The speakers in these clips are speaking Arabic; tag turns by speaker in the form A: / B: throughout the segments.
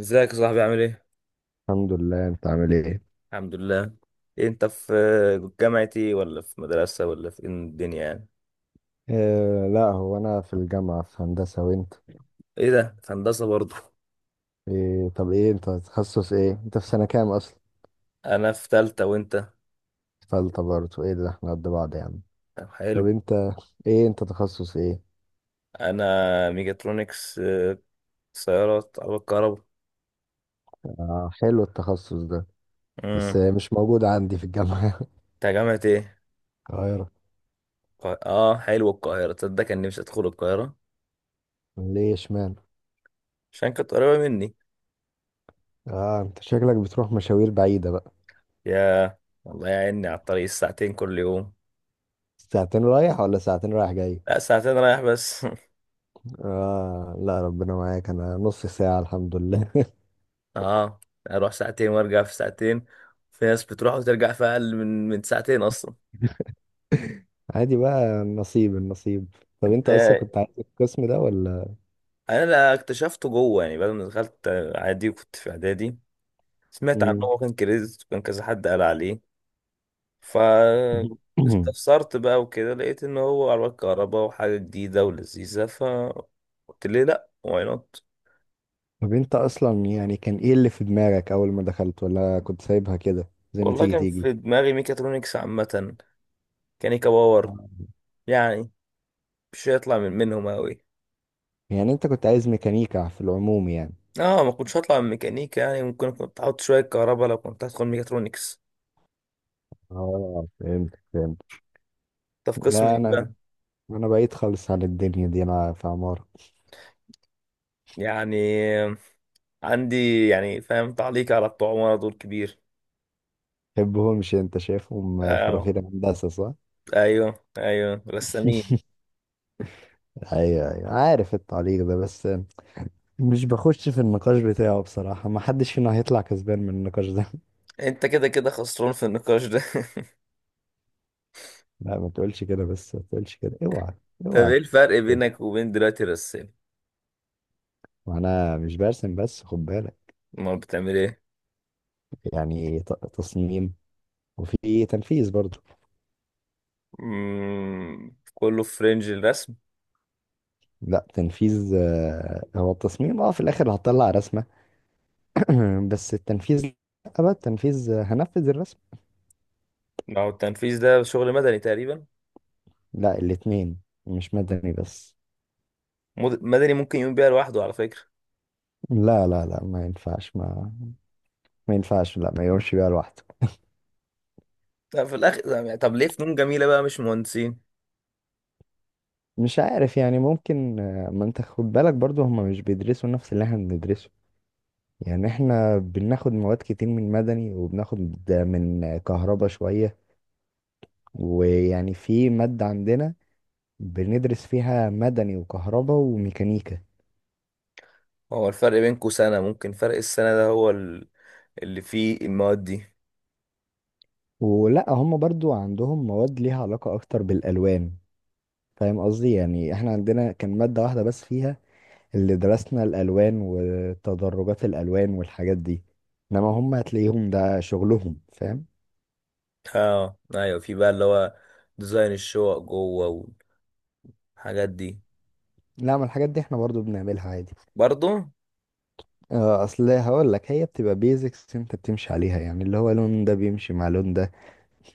A: ازيك يا صاحبي، عامل ايه؟
B: الحمد لله، انت عامل ايه؟
A: الحمد لله. إيه، انت في جامعة ايه، ولا في مدرسة، ولا في إيه الدنيا يعني؟
B: آه، لا هو انا في الجامعة، في هندسة. وانت؟
A: ايه ده؟ في هندسة برضه.
B: إيه؟ طب ايه، انت تخصص ايه؟ انت في سنة كام اصلا؟
A: انا في تالتة، وانت؟
B: فلت برضه! ايه ده، احنا قد بعض يا عم.
A: طب
B: طب
A: حلو.
B: انت، ايه انت تخصص ايه؟
A: انا ميجاترونكس، سيارات، عربية كهرباء.
B: آه، حلو التخصص ده. بس
A: امم.
B: مش موجود عندي في الجامعة.
A: انت جامعة ايه؟
B: القاهرة.
A: اه، حلو، القاهرة، تصدق كان نفسي ادخل القاهرة.
B: ليه؟ اشمعنى؟
A: عشان كانت قريبة مني.
B: اه، انت شكلك بتروح مشاوير بعيدة بقى.
A: يا، والله يا عيني على الطريق الساعتين كل يوم.
B: ساعتين رايح ولا ساعتين رايح جاي؟
A: لا، ساعتين رايح بس.
B: اه، لا ربنا معاك. انا نص ساعة الحمد لله.
A: اه، اروح ساعتين وارجع في ساعتين. في ناس بتروح وترجع في اقل من ساعتين اصلا.
B: عادي بقى، نصيب النصيب. طب
A: انت.
B: انت اصلا كنت عايز القسم ده ولا؟
A: انا، لا، اكتشفته جوه يعني بعد ما دخلت. عادي، وكنت في اعدادي، سمعت عنه،
B: مم.
A: وكان كريز وكان كذا، حد قال عليه. ف استفسرت بقى وكده، لقيت ان هو عربيات كهرباء وحاجه جديده ولذيذه. قلت ليه لا، واي نوت.
B: طب انت اصلا يعني كان ايه اللي في دماغك اول ما دخلت؟ ولا كنت سايبها كده زي ما
A: والله
B: تيجي
A: كان
B: تيجي؟
A: في دماغي ميكاترونكس عامه، كانيكا باور.
B: اه.
A: يعني مش هيطلع منهم قوي.
B: يعني انت كنت عايز ميكانيكا في العموم يعني.
A: اه، ما كنتش هطلع من ميكانيكا، يعني ممكن كنت هحط شويه كهرباء لو كنت هدخل ميكاترونكس.
B: آه، فهمت فهمت.
A: طب في قسم
B: لا
A: ايه
B: انا
A: بقى؟
B: انا بعيد خالص عن الدنيا دي، انا في عمارة.
A: يعني عندي يعني، فاهم، تعليق على بتوع عمارة دول كبير.
B: تحبهمش؟ انت شايفهم
A: اه
B: فرافير هندسة صح؟
A: ايوه ايوه، رسامين.
B: ايوه، ايوه عارف التعليق ده. بس مش بخش في النقاش بتاعه بصراحة، ما حدش فينا هيطلع كسبان من النقاش ده.
A: انت كده كده خسران في النقاش ده.
B: لا ما تقولش كده، بس ما تقولش كده، اوعى.
A: طب
B: اوعى
A: ايه
B: تقول
A: الفرق
B: كده.
A: بينك وبين دلوقتي الرسام؟
B: وانا مش برسم، بس خد بالك.
A: امال بتعمل ايه؟
B: يعني تصميم، وفي تنفيذ برضو.
A: كله في رينج الرسم.
B: لا، تنفيذ. هو التصميم اه في الاخر هطلع رسمة. بس التنفيذ لا. بقى التنفيذ، هنفذ الرسم.
A: ما هو التنفيذ ده شغل مدني تقريبا.
B: لا، الاتنين. مش مدني بس.
A: مدني ممكن يقوم بيها لوحده على فكره.
B: لا، لا، لا، ما ينفعش، ما ينفعش، لا ما يقومش بيها لوحده.
A: طب في الاخر يعني، طب ليه فنون جميله بقى مش مهندسين؟
B: مش عارف، يعني ممكن. ما انت خد بالك برضو، هما مش بيدرسوا نفس اللي احنا بندرسه. يعني احنا بناخد مواد كتير من مدني، وبناخد من كهربا شوية. ويعني في مادة عندنا بندرس فيها مدني وكهربا وميكانيكا.
A: هو الفرق بينكو سنة، ممكن فرق السنة ده هو اللي فيه المواد دي.
B: ولا هم برضو عندهم مواد ليها علاقة أكتر بالألوان. فاهم قصدي؟ يعني احنا عندنا كان مادة واحدة بس فيها اللي درسنا الألوان وتدرجات الألوان والحاجات دي. انما هم هتلاقيهم ده شغلهم، فاهم؟
A: اه ايوه، في بقى اللي هو ديزاين الشقق جوه والحاجات دي.
B: لا، ما الحاجات دي احنا برضو بنعملها عادي.
A: برضو.
B: اه اصل هقول لك، هي بتبقى بيزكس انت بتمشي عليها، يعني اللي هو لون ده بيمشي مع لون ده.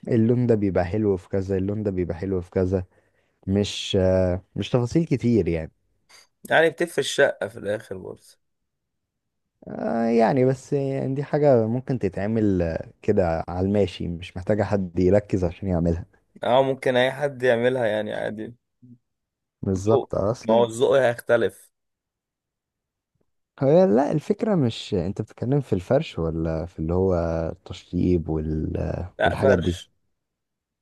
B: اللون ده بيبقى حلو في كذا، اللون ده بيبقى حلو في كذا. مش تفاصيل كتير يعني.
A: يعني بتفرق الشقة في الآخر برضه.
B: يعني بس يعني دي حاجة ممكن تتعمل كده على الماشي، مش محتاجة حد يركز عشان يعملها.
A: اه ممكن أي حد يعملها يعني عادي. ذوق،
B: بالظبط
A: ما هو
B: اصل
A: الذوق هيختلف.
B: هي، لا الفكرة مش انت بتتكلم في الفرش ولا في اللي هو التشطيب
A: لا،
B: والحاجات دي.
A: فرش.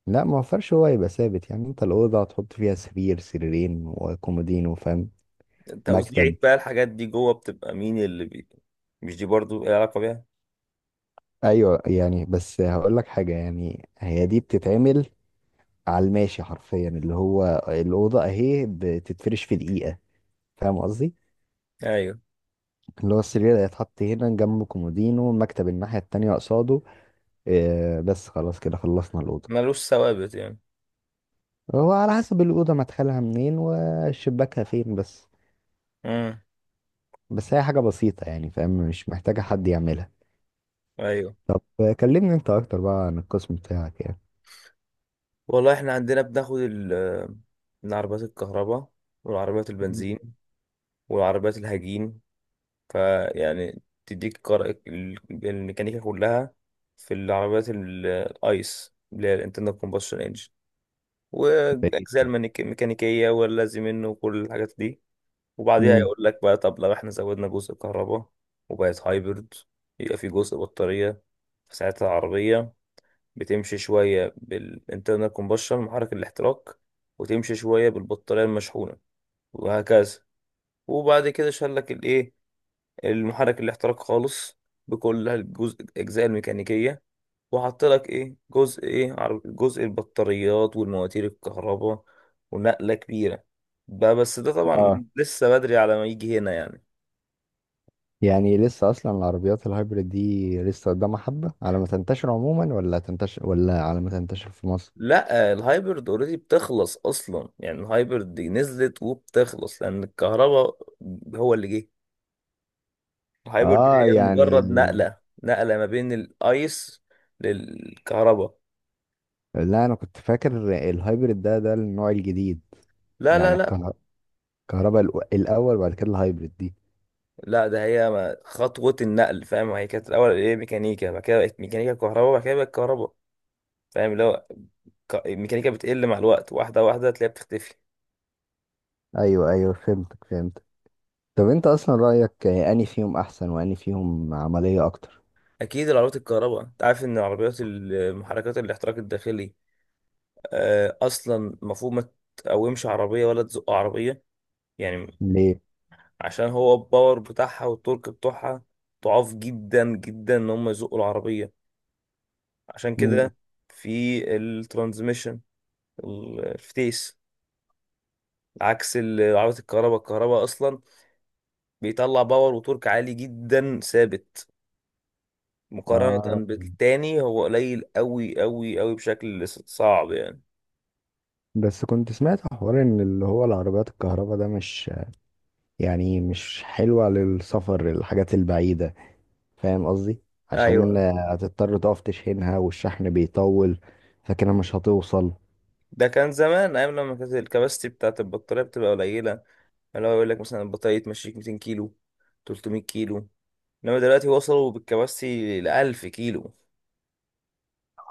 B: لا، ما فرش هو يبقى ثابت. يعني انت الأوضة هتحط فيها سرير سريرين وكومودين، وفاهم؟ مكتب.
A: توزيعك بقى الحاجات دي جوه، بتبقى مين اللي مش دي برضو ايه علاقة بيها.
B: ايوه يعني، بس هقول لك حاجة، يعني هي دي بتتعمل على الماشي حرفيا. اللي هو الأوضة اهي بتتفرش في دقيقة، فاهم قصدي؟
A: أيوه.
B: اللي هو السرير هيتحط هنا، جنبه كومودينو، المكتب الناحية التانية قصاده. بس خلاص كده خلصنا الأوضة.
A: ملوش ثوابت يعني.
B: هو على حسب الأوضة مدخلها منين وشباكها فين بس.
A: امم.
B: بس هي حاجة بسيطة يعني، فاهم، مش محتاجة حد يعملها.
A: أيوه.
B: طب كلمني انت اكتر بقى عن القسم بتاعك يعني.
A: والله احنا عندنا بناخد من عربيات الكهرباء والعربيات
B: مم.
A: البنزين والعربيات الهجين. فيعني تديك الميكانيكا كلها في العربيات الايس، اللي هي الانترنال كومبشن انجن،
B: بقيت
A: واجزاء الميكانيكيه واللازم منه وكل الحاجات دي. وبعديها
B: امم
A: يقول لك بقى، طب لو احنا زودنا جزء كهرباء وبقت هايبرد، يبقى في جزء بطاريه. فساعتها العربيه بتمشي شوية بالانترنال كومبشن محرك الاحتراق، وتمشي شوية بالبطارية المشحونة، وهكذا. وبعد كده شال لك الايه، المحرك الاحتراق خالص، بكل الجزء الأجزاء الميكانيكية، وحط لك ايه، جزء، ايه، جزء البطاريات والمواتير الكهرباء. ونقلة كبيرة بقى، بس ده
B: اه
A: طبعا لسه بدري على ما يجي هنا يعني.
B: يعني لسه اصلا العربيات الهايبريد دي لسه قدامها حبة على ما تنتشر عموما، ولا تنتشر ولا على ما تنتشر في مصر؟
A: لا، الهايبرد اوريدي بتخلص اصلا، يعني الهايبرد دي نزلت وبتخلص، لان الكهرباء هو اللي جه. الهايبرد
B: اه
A: هي
B: يعني،
A: مجرد نقلة، نقلة ما بين الايس للكهرباء.
B: لا انا كنت فاكر الهايبريد ده النوع الجديد.
A: لا
B: يعني
A: لا لا
B: الكهرباء الاول، وبعد كده الهايبريد دي.
A: لا، ده هي خطوة النقل، فاهم، هي كانت الأول ايه، ميكانيكا، بعد كده بقت ميكانيكا كهرباء، بعد كده بقت كهرباء. فاهم اللي هو الميكانيكا بتقل مع الوقت، واحدة واحدة تلاقيها بتختفي.
B: ايوه، ايوه فهمتك فهمتك. طب انت اصلا رأيك اني فيهم احسن واني فيهم عملية اكتر؟
A: أكيد العربيات الكهرباء، أنت عارف إن العربيات المحركات الاحتراق الداخلي، أصلا المفروض ما تقومش عربية ولا تزق عربية يعني.
B: ليه؟
A: عشان هو الباور بتاعها والتورك بتوعها ضعاف جدا جدا، إن هم يزقوا العربية. عشان
B: مم.
A: كده في الترانزميشن، الفتيس، عكس عربية الكهرباء. الكهرباء أصلا بيطلع باور وتورك عالي جدا ثابت،
B: اه
A: مقارنة بالتاني هو قليل أوي أوي أوي، بشكل صعب يعني.
B: بس كنت سمعت حوار ان اللي هو العربيات الكهرباء ده مش حلوة للسفر، الحاجات البعيدة. فاهم قصدي؟ عشان
A: أيوه.
B: هتضطر تقف تشحنها، والشحن بيطول. فكده مش هتوصل.
A: ده كان زمان أيام لما كانت الكباستي بتاعت البطارية بتبقى قليلة، اللي هو يقول لك مثلا البطارية تمشيك 200 كيلو، 300 كيلو. إنما دلوقتي وصلوا بالكباستي ل 1000 كيلو.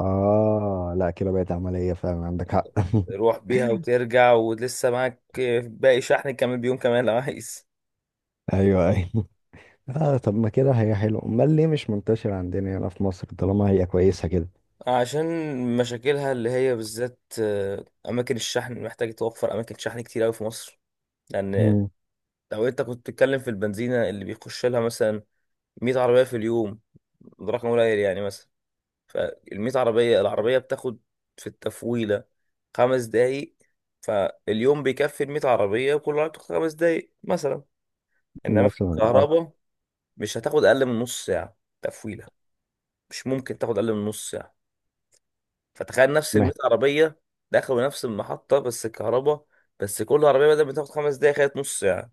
B: اه لا كده بقت عملية فعلا، عندك حق.
A: تروح بيها وترجع ولسه معاك باقي شحن كمان، بيوم كمان لو عايز.
B: ايوه، ايوه. اه طب ما كده هي حلوة، امال ليه مش منتشرة عندنا هنا في مصر طالما هي كويسة كده؟
A: عشان مشاكلها اللي هي بالذات، أماكن الشحن، محتاج توفر أماكن شحن كتير أوي في مصر. لأن
B: مم.
A: لو أنت كنت بتتكلم في البنزينة اللي بيخش لها مثلا 100 عربية في اليوم، ده رقم قليل يعني مثلا، فال 100 عربية، العربية بتاخد في التفويلة خمس دقايق. فاليوم بيكفي ال 100 عربية، وكل عربية بتاخد خمس دقايق مثلا. إنما في
B: مثلا اه.
A: الكهرباء مش هتاخد أقل من نص ساعة تفويلة، مش ممكن تاخد اقل من نص ساعه. فتخيل نفس ال 100
B: مه-
A: عربيه دخلوا نفس المحطه، بس الكهرباء، بس كل عربيه بدل ما تاخد خمس دقايق خدت نص ساعه.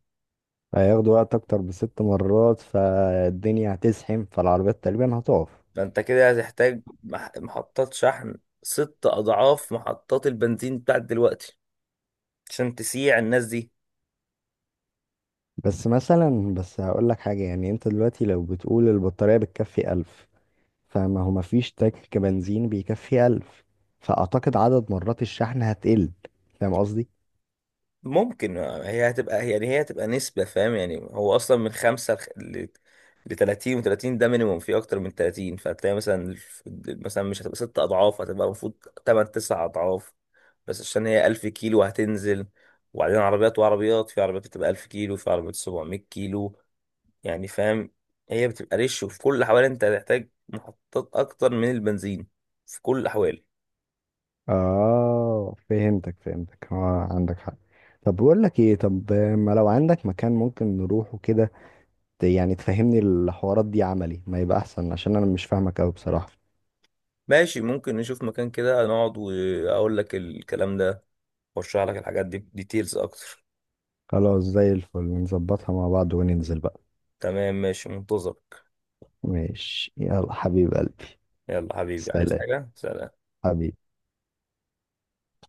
B: هياخدوا وقت اكتر ب6 مرات، فالدنيا هتزحم، فالعربيات تقريبا هتقف.
A: فانت كده هتحتاج محطات شحن ست اضعاف محطات البنزين بتاعت دلوقتي، عشان تسيع الناس دي.
B: بس مثلا، بس هقول لك حاجة، يعني انت دلوقتي لو بتقول البطارية بتكفي 1000. فما هو مفيش تانك بنزين بيكفي 1000، فأعتقد عدد مرات الشحن هتقل. فاهم قصدي؟
A: ممكن هي هتبقى، يعني هي هتبقى نسبة، فاهم يعني هو أصلا من خمسة ل 30 و 30 ده مينيموم، في أكتر من 30. فهتلاقي مثلا مثلا مش هتبقى ست أضعاف، هتبقى المفروض تمن تسع أضعاف، بس عشان هي 1000 كيلو هتنزل. وبعدين عربيات وعربيات في عربيات، بتبقى 1000 كيلو في عربيات 700 كيلو يعني، فاهم، هي بتبقى ريش. وفي كل الأحوال أنت هتحتاج محطات أكتر من البنزين، في كل الأحوال.
B: اه فهمتك فهمتك، اه عندك حق. طب بقول لك ايه، طب ما لو عندك مكان ممكن نروحه كده يعني تفهمني الحوارات دي عملي، ما يبقى احسن عشان انا مش فاهمك قوي بصراحة.
A: ماشي، ممكن نشوف مكان كده نقعد وأقول لك الكلام ده، ورشح لك الحاجات دي ديتيلز اكتر.
B: خلاص زي الفل، نظبطها مع بعض وننزل بقى.
A: تمام ماشي، منتظرك.
B: ماشي، يلا حبيب قلبي.
A: يلا حبيبي، عايز
B: سلام.
A: حاجة؟ سلام.
B: حبيبي.